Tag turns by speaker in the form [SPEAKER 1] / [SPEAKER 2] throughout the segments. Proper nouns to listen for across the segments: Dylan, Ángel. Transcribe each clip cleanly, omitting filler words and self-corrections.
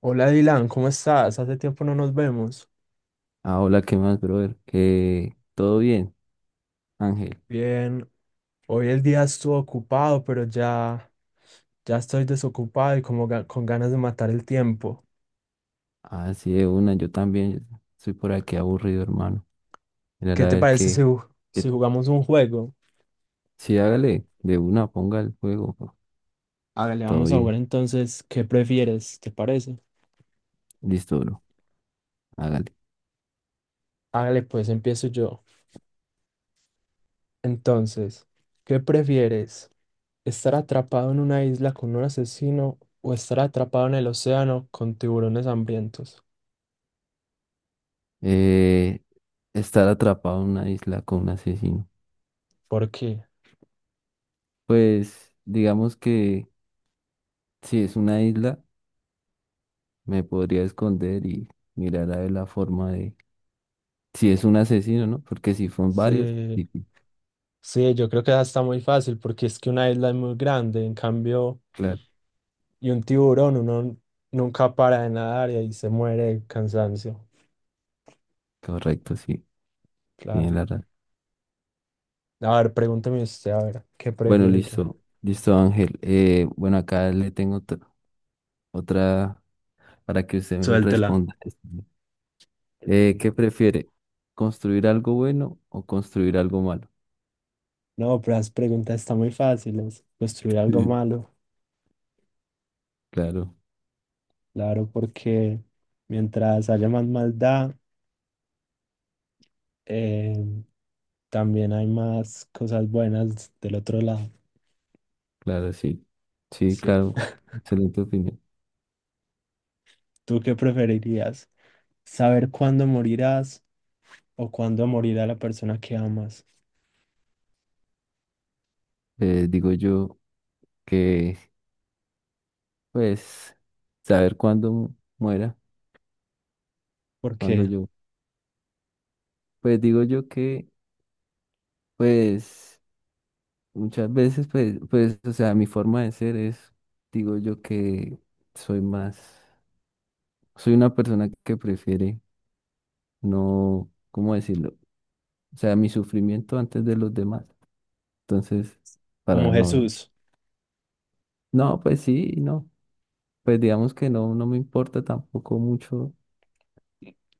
[SPEAKER 1] Hola Dylan, ¿cómo estás? Hace tiempo no nos vemos.
[SPEAKER 2] Ah, hola, ¿qué más, brother? ¿Qué? ¿Todo bien, Ángel?
[SPEAKER 1] Bien, hoy el día estuvo ocupado, pero ya estoy desocupado y como con ganas de matar el tiempo.
[SPEAKER 2] Ah, sí, de una, yo también. Soy por aquí aburrido, hermano. Mirar
[SPEAKER 1] ¿Qué
[SPEAKER 2] a
[SPEAKER 1] te
[SPEAKER 2] ver
[SPEAKER 1] parece si,
[SPEAKER 2] qué,
[SPEAKER 1] ju-
[SPEAKER 2] qué.
[SPEAKER 1] si jugamos un juego?
[SPEAKER 2] Sí, hágale, de una, ponga el juego, bro.
[SPEAKER 1] Hágale,
[SPEAKER 2] Todo
[SPEAKER 1] vamos a
[SPEAKER 2] bien,
[SPEAKER 1] jugar entonces. ¿Qué prefieres? ¿Te parece?
[SPEAKER 2] listo, bro. Hágale.
[SPEAKER 1] Hágale, pues empiezo yo. Entonces, ¿qué prefieres? ¿Estar atrapado en una isla con un asesino o estar atrapado en el océano con tiburones hambrientos?
[SPEAKER 2] Eh, Estar atrapado en una isla con un asesino.
[SPEAKER 1] ¿Por qué?
[SPEAKER 2] Pues, digamos que si es una isla, me podría esconder y mirar a ver la forma de. Si es un asesino, ¿no? Porque si son varios,
[SPEAKER 1] Sí.
[SPEAKER 2] sí, sí,
[SPEAKER 1] Sí, yo creo que esa está muy fácil porque es que una isla es muy grande, en cambio,
[SPEAKER 2] claro,
[SPEAKER 1] y un tiburón uno nunca para de nadar y ahí se muere de cansancio.
[SPEAKER 2] correcto, sí, tiene
[SPEAKER 1] Claro.
[SPEAKER 2] la razón.
[SPEAKER 1] A ver, pregúnteme usted, a ver, ¿qué
[SPEAKER 2] Bueno,
[SPEAKER 1] prefiero yo?
[SPEAKER 2] listo, listo, Ángel. Bueno, acá le tengo otra para que usted me
[SPEAKER 1] Suéltela.
[SPEAKER 2] responda. ¿Qué prefiere? ¿Construir algo bueno o construir algo malo?
[SPEAKER 1] No, pero las preguntas están muy fáciles. Construir algo
[SPEAKER 2] Sí.
[SPEAKER 1] malo,
[SPEAKER 2] Claro,
[SPEAKER 1] claro, porque mientras haya más maldad, eh, también hay más cosas buenas del otro lado.
[SPEAKER 2] claro, sí. Sí,
[SPEAKER 1] Sí.
[SPEAKER 2] claro. Excelente opinión.
[SPEAKER 1] ¿Tú qué preferirías? ¿Saber cuándo morirás o cuándo morirá la persona que amas,
[SPEAKER 2] Digo yo que, pues, saber muera, cuándo
[SPEAKER 1] porque
[SPEAKER 2] yo. Pues digo yo que, pues, muchas veces, pues, pues, o sea, mi forma de ser es, digo yo que soy más. Soy una persona que prefiere no, ¿cómo decirlo? O sea, mi sufrimiento antes de los demás. Entonces,
[SPEAKER 1] como
[SPEAKER 2] para no,
[SPEAKER 1] Jesús,
[SPEAKER 2] no, pues sí, y no. Pues digamos que no, no me importa tampoco mucho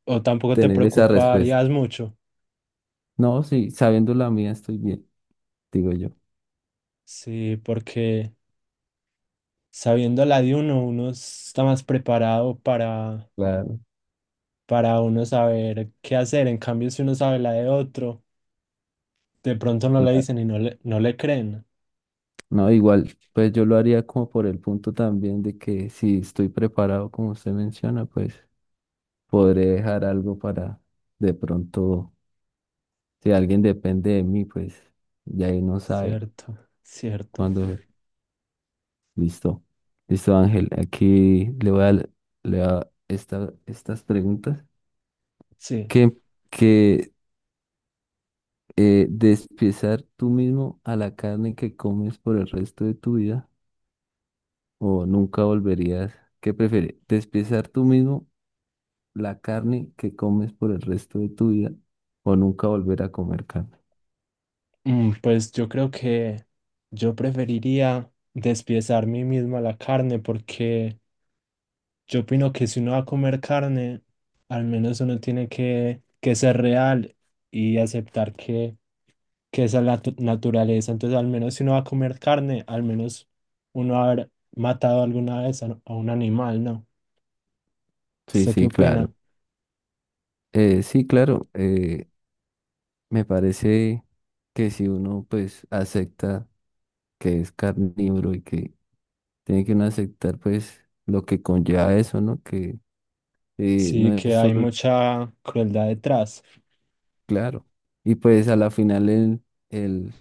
[SPEAKER 1] o tampoco te
[SPEAKER 2] tener esa respuesta.
[SPEAKER 1] preocuparías mucho?
[SPEAKER 2] No, sí, sabiendo la mía estoy bien, digo yo.
[SPEAKER 1] Sí, porque sabiendo la de uno, uno está más preparado
[SPEAKER 2] Claro,
[SPEAKER 1] para uno saber qué hacer, en cambio si uno sabe la de otro, de pronto no le
[SPEAKER 2] claro.
[SPEAKER 1] dicen y no no le creen,
[SPEAKER 2] No, igual, pues yo lo haría como por el punto también de que si estoy preparado, como usted menciona, pues podré dejar algo para de pronto, si alguien depende de mí, pues ya ahí no sabe.
[SPEAKER 1] cierto,
[SPEAKER 2] Cuando, listo. Listo, Ángel. Aquí le voy a estas preguntas.
[SPEAKER 1] sí.
[SPEAKER 2] Que, que despiezar tú mismo a la carne que comes por el resto de tu vida o nunca volverías. ¿Qué prefieres? ¿Despiezar tú mismo la carne que comes por el resto de tu vida o nunca volver a comer carne?
[SPEAKER 1] Mm, pues yo creo que yo preferiría despiezar mí mismo a la carne porque... Yo opino que si uno va a comer carne, al menos uno tiene que ser real y aceptar que esa es la naturaleza. Entonces, al menos si uno va a comer carne, al menos uno va a haber matado alguna vez a un animal, ¿no?
[SPEAKER 2] Sí,
[SPEAKER 1] ¿Usted qué
[SPEAKER 2] sí,
[SPEAKER 1] opina?
[SPEAKER 2] claro. Sí, claro. Me parece que si uno pues acepta que es carnívoro y que tiene que uno aceptar pues lo que conlleva eso, ¿no? Que no
[SPEAKER 1] Sí,
[SPEAKER 2] es
[SPEAKER 1] que hay
[SPEAKER 2] solo el
[SPEAKER 1] mucha crueldad detrás.
[SPEAKER 2] claro. Y pues a la final el,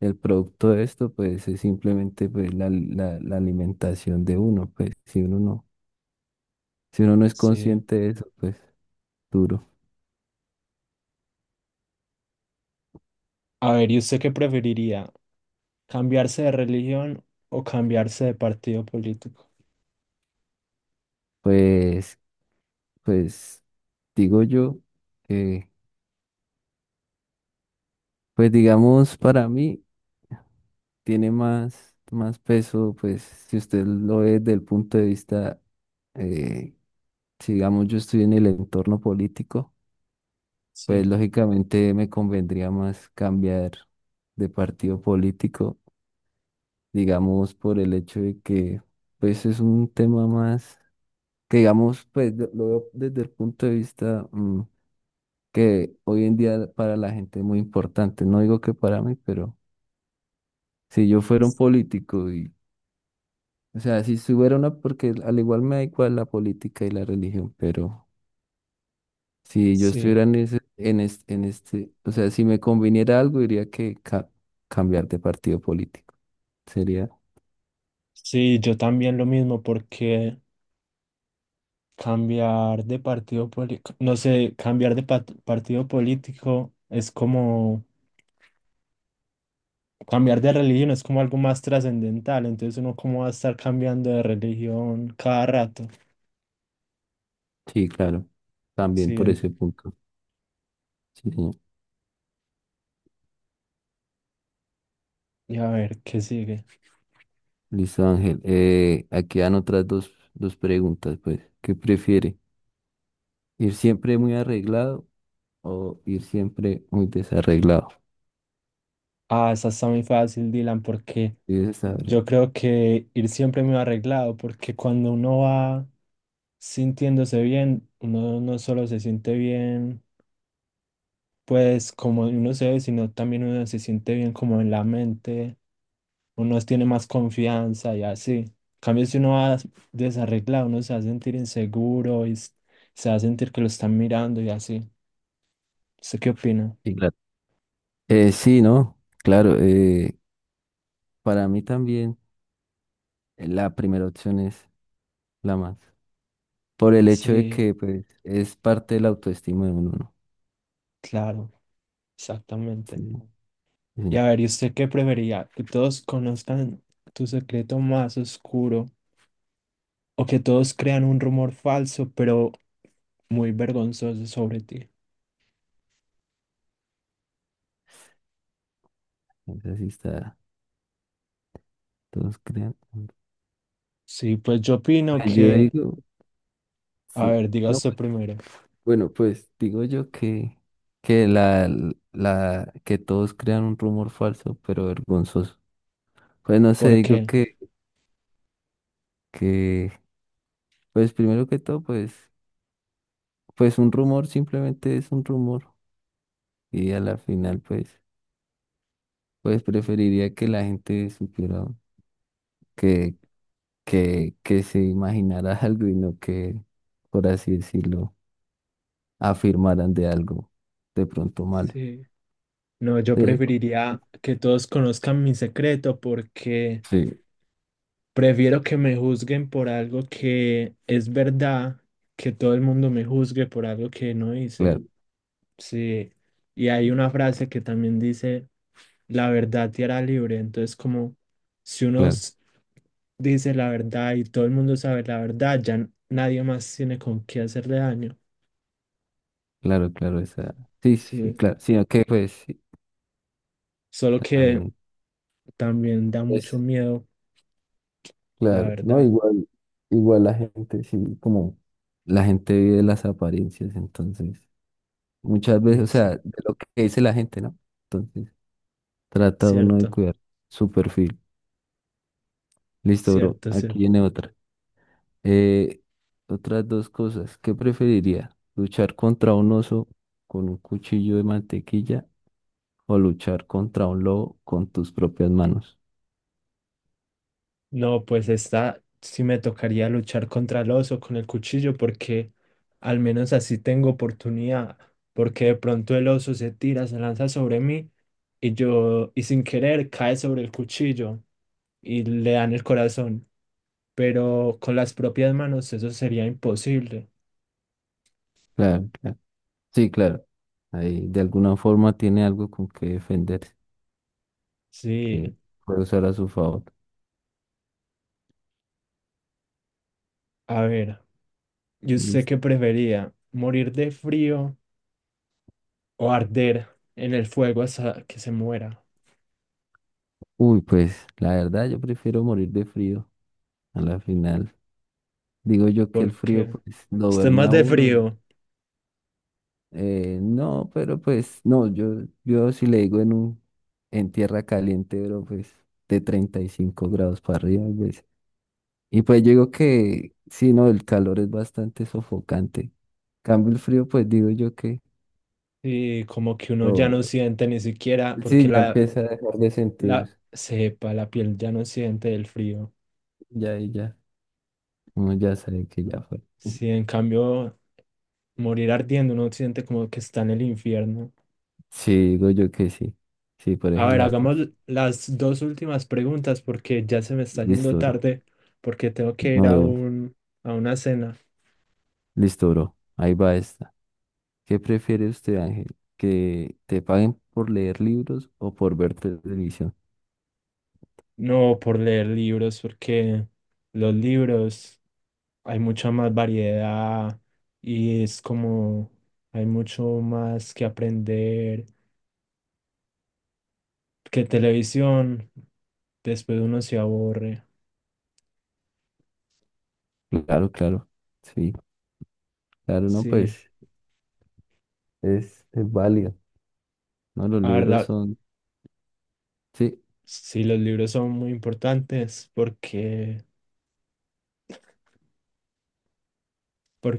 [SPEAKER 2] el producto de esto pues es simplemente pues la alimentación de uno, pues si uno no, si uno no es
[SPEAKER 1] Sí.
[SPEAKER 2] consciente de eso, pues duro.
[SPEAKER 1] A ver, ¿y usted qué preferiría? ¿Cambiarse de religión o cambiarse de partido político?
[SPEAKER 2] Pues, pues digo yo que pues digamos para mí tiene más, más peso pues si usted lo ve desde el punto de vista... eh, si digamos yo estoy en el entorno político, pues
[SPEAKER 1] Sí,
[SPEAKER 2] lógicamente me convendría más cambiar de partido político, digamos por el hecho de que pues es un tema más que digamos pues lo veo desde el punto de vista que hoy en día para la gente es muy importante. No digo que para mí, pero si yo fuera un político y o sea, si fuera una porque al igual me da igual la política y la religión, pero si yo
[SPEAKER 1] sí.
[SPEAKER 2] estuviera en ese, en este, o sea, si me conviniera algo, diría que cambiar de partido político. Sería,
[SPEAKER 1] Sí, yo también lo mismo porque... Cambiar de partido político, no sé, cambiar de partido político es como cambiar de religión, es como algo más trascendental, entonces uno cómo va a estar cambiando de religión cada rato.
[SPEAKER 2] sí, claro, también
[SPEAKER 1] Sí,
[SPEAKER 2] por
[SPEAKER 1] en-
[SPEAKER 2] ese punto. Sí, señor.
[SPEAKER 1] y a ver, ¿qué sigue?
[SPEAKER 2] Listo, Ángel. Aquí dan otras dos, dos preguntas, pues. ¿Qué prefiere? ¿Ir siempre muy arreglado o ir siempre muy desarreglado?
[SPEAKER 1] Ah, esa está muy fácil, Dylan, porque
[SPEAKER 2] Sí, esa está breve.
[SPEAKER 1] yo creo que ir siempre muy arreglado, porque cuando uno va sintiéndose bien, uno no solo se siente bien, pues como uno se ve, sino también uno se siente bien como en la mente uno tiene más confianza y así. En cambio, si uno va desarreglado, uno se va a sentir inseguro y se va a sentir que lo están mirando y así. ¿Usted qué opina?
[SPEAKER 2] Sí, claro. Sí, ¿no? Claro, para mí también la primera opción es la más. Por el hecho de
[SPEAKER 1] Sí,
[SPEAKER 2] que pues es parte de la autoestima de uno, ¿no?
[SPEAKER 1] claro,
[SPEAKER 2] Sí,
[SPEAKER 1] exactamente. Y a
[SPEAKER 2] sí,
[SPEAKER 1] ver, ¿y usted qué prefería? ¿Que todos conozcan tu secreto más oscuro o que todos crean un rumor falso, pero muy vergonzoso sobre ti?
[SPEAKER 2] esa sí está, todos crean.
[SPEAKER 1] Sí, pues yo opino
[SPEAKER 2] Pues yo
[SPEAKER 1] que,
[SPEAKER 2] digo,
[SPEAKER 1] a
[SPEAKER 2] sí,
[SPEAKER 1] ver, diga
[SPEAKER 2] no,
[SPEAKER 1] usted
[SPEAKER 2] pues,
[SPEAKER 1] primero.
[SPEAKER 2] bueno, pues digo yo que la, que todos crean un rumor falso, pero vergonzoso. Pues no sé,
[SPEAKER 1] ¿Por
[SPEAKER 2] digo
[SPEAKER 1] qué?
[SPEAKER 2] que, pues primero que todo, pues, pues un rumor simplemente es un rumor. Y a la final, pues, pues preferiría que la gente supiera que se imaginara algo y no que, por así decirlo, afirmaran de algo de pronto malo.
[SPEAKER 1] Sí. No, yo
[SPEAKER 2] Sí,
[SPEAKER 1] preferiría que todos conozcan mi secreto porque
[SPEAKER 2] sí,
[SPEAKER 1] prefiero que me juzguen por algo que es verdad, que todo el mundo me juzgue por algo que no hice.
[SPEAKER 2] claro,
[SPEAKER 1] Sí, y hay una frase que también dice, la verdad te hará libre. Entonces, como si uno
[SPEAKER 2] claro,
[SPEAKER 1] dice la verdad y todo el mundo sabe la verdad, ya nadie más tiene con qué hacerle daño.
[SPEAKER 2] claro, claro, esa. Sí, sí, sí,
[SPEAKER 1] Sí,
[SPEAKER 2] claro, sino que pues sí,
[SPEAKER 1] solo que
[SPEAKER 2] también
[SPEAKER 1] también da
[SPEAKER 2] es,
[SPEAKER 1] mucho miedo, la
[SPEAKER 2] claro, no,
[SPEAKER 1] verdad.
[SPEAKER 2] igual, igual la gente, sí, como la gente vive las apariencias, entonces, muchas veces,
[SPEAKER 1] Sí,
[SPEAKER 2] o sea,
[SPEAKER 1] sí,
[SPEAKER 2] de lo que dice la gente, ¿no? Entonces, trata uno de
[SPEAKER 1] cierto,
[SPEAKER 2] cuidar su perfil. Listo, bro,
[SPEAKER 1] cierto,
[SPEAKER 2] aquí
[SPEAKER 1] cierto.
[SPEAKER 2] viene otra. Eh, Otras dos cosas. ¿Qué preferiría? ¿Luchar contra un oso con un cuchillo de mantequilla o luchar contra un lobo con tus propias manos?
[SPEAKER 1] No, pues esta sí me tocaría luchar contra el oso con el cuchillo porque al menos así tengo oportunidad, porque de pronto el oso se tira, se lanza sobre mí y yo, y sin querer, cae sobre el cuchillo y le dan el corazón, pero con las propias manos eso sería imposible.
[SPEAKER 2] Claro, claro. Sí, claro. Ahí de alguna forma tiene algo con que defenderse,
[SPEAKER 1] Sí,
[SPEAKER 2] que puede usar a su favor.
[SPEAKER 1] a ver, yo sé
[SPEAKER 2] Listo.
[SPEAKER 1] que prefería morir de frío o arder en el fuego hasta que se muera.
[SPEAKER 2] Uy, pues la verdad yo prefiero morir de frío. A la final digo yo que el frío
[SPEAKER 1] Porque
[SPEAKER 2] pues lo
[SPEAKER 1] esté
[SPEAKER 2] duerme
[SPEAKER 1] más
[SPEAKER 2] a
[SPEAKER 1] de
[SPEAKER 2] uno.
[SPEAKER 1] frío
[SPEAKER 2] No, pero pues, no, yo si le digo en un, en tierra caliente, pero pues de 35 grados para arriba, pues. Y pues yo digo que, sí, no, el calor es bastante sofocante. Cambio el frío, pues digo yo que,
[SPEAKER 1] y como que uno ya no
[SPEAKER 2] lo-
[SPEAKER 1] siente ni siquiera, porque
[SPEAKER 2] sí, ya
[SPEAKER 1] la,
[SPEAKER 2] empieza a dejar de sentir,
[SPEAKER 1] la cepa, la piel ya no siente el frío.
[SPEAKER 2] ya y ya, uno ya sabe que ya fue.
[SPEAKER 1] Si en cambio morir ardiendo uno siente como que está en el infierno.
[SPEAKER 2] Sí, digo yo que sí, sí, por
[SPEAKER 1] A
[SPEAKER 2] ese
[SPEAKER 1] ver,
[SPEAKER 2] lado
[SPEAKER 1] hagamos las dos últimas preguntas porque ya se me está
[SPEAKER 2] listo,
[SPEAKER 1] haciendo
[SPEAKER 2] bro,
[SPEAKER 1] tarde, porque tengo que ir a
[SPEAKER 2] no,
[SPEAKER 1] un, a una cena.
[SPEAKER 2] listo, bro, ahí va esto. ¿Qué prefiere usted, Ángel? ¿Que te paguen por leer libros o por ver televisión?
[SPEAKER 1] No, por leer libros, porque los libros hay mucha más variedad y es como hay mucho más que aprender que televisión. Después uno se aburre.
[SPEAKER 2] Claro, claro. Sí, claro, no,
[SPEAKER 1] Sí,
[SPEAKER 2] pues es válido. No, los
[SPEAKER 1] la
[SPEAKER 2] libros
[SPEAKER 1] verdad,
[SPEAKER 2] son, sí,
[SPEAKER 1] sí, los libros son muy importantes porque,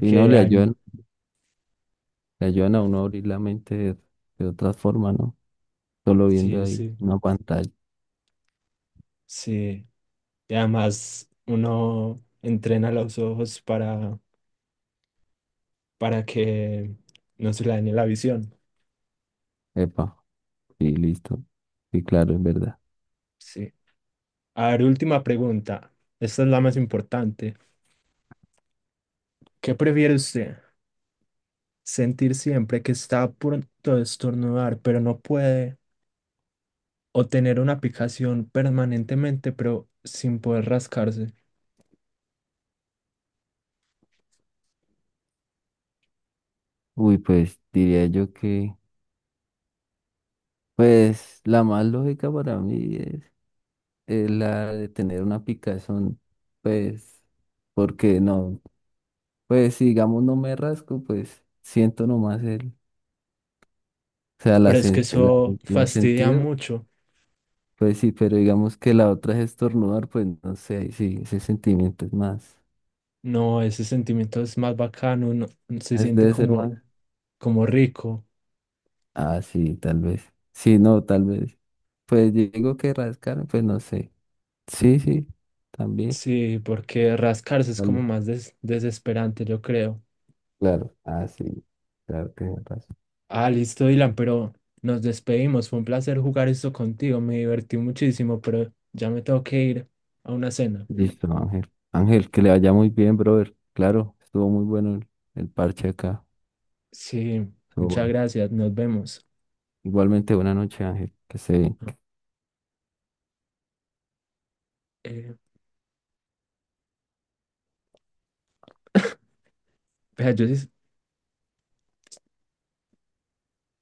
[SPEAKER 2] y no le
[SPEAKER 1] hay,
[SPEAKER 2] ayudan, le ayudan a uno a abrir la mente de otra forma, ¿no? Solo viendo
[SPEAKER 1] sí,
[SPEAKER 2] ahí
[SPEAKER 1] sí,
[SPEAKER 2] una pantalla.
[SPEAKER 1] sí. Y además uno entrena los ojos para que no se le dañe la visión.
[SPEAKER 2] Epa, y listo. Sí, claro, es verdad.
[SPEAKER 1] Sí. A ver, última pregunta. Esta es la más importante. ¿Qué prefiere usted? ¿Sentir siempre que está a punto de estornudar, pero no puede? ¿O tener una picazón permanentemente, pero sin poder rascarse?
[SPEAKER 2] Uy, pues diría yo que, pues la más lógica para mí es la de tener una picazón, pues. Porque no, pues si digamos no me rasco, pues siento nomás el, o sea, la,
[SPEAKER 1] Pero es que
[SPEAKER 2] la,
[SPEAKER 1] eso
[SPEAKER 2] la, el
[SPEAKER 1] fastidia
[SPEAKER 2] sentido,
[SPEAKER 1] mucho.
[SPEAKER 2] pues sí, pero digamos que la otra es estornudar, pues no sé, ahí sí, ese sentimiento es más,
[SPEAKER 1] No, ese sentimiento es más bacano. Uno se
[SPEAKER 2] es,
[SPEAKER 1] siente
[SPEAKER 2] debe ser
[SPEAKER 1] como,
[SPEAKER 2] más.
[SPEAKER 1] como rico.
[SPEAKER 2] Ah, sí, tal vez. Sí, no, tal vez. Pues yo digo que rascar, pues no sé. Sí, sí, también.
[SPEAKER 1] Sí, porque rascarse es como
[SPEAKER 2] Vale,
[SPEAKER 1] más desesperante, yo creo.
[SPEAKER 2] claro. Ah, sí, claro, tienes razón.
[SPEAKER 1] Ah, listo, Dylan, pero nos despedimos. Fue un placer jugar esto contigo. Me divertí muchísimo, pero ya me tengo que ir a una cena.
[SPEAKER 2] Listo, Ángel. Ángel, que le vaya muy bien, brother. Claro, estuvo muy bueno el parche acá.
[SPEAKER 1] Sí,
[SPEAKER 2] Estuvo
[SPEAKER 1] muchas
[SPEAKER 2] bueno.
[SPEAKER 1] gracias. Nos vemos.
[SPEAKER 2] Igualmente, buena noche, Ángel. Que se,
[SPEAKER 1] Ah,
[SPEAKER 2] que
[SPEAKER 1] eh, Vea, yo sí-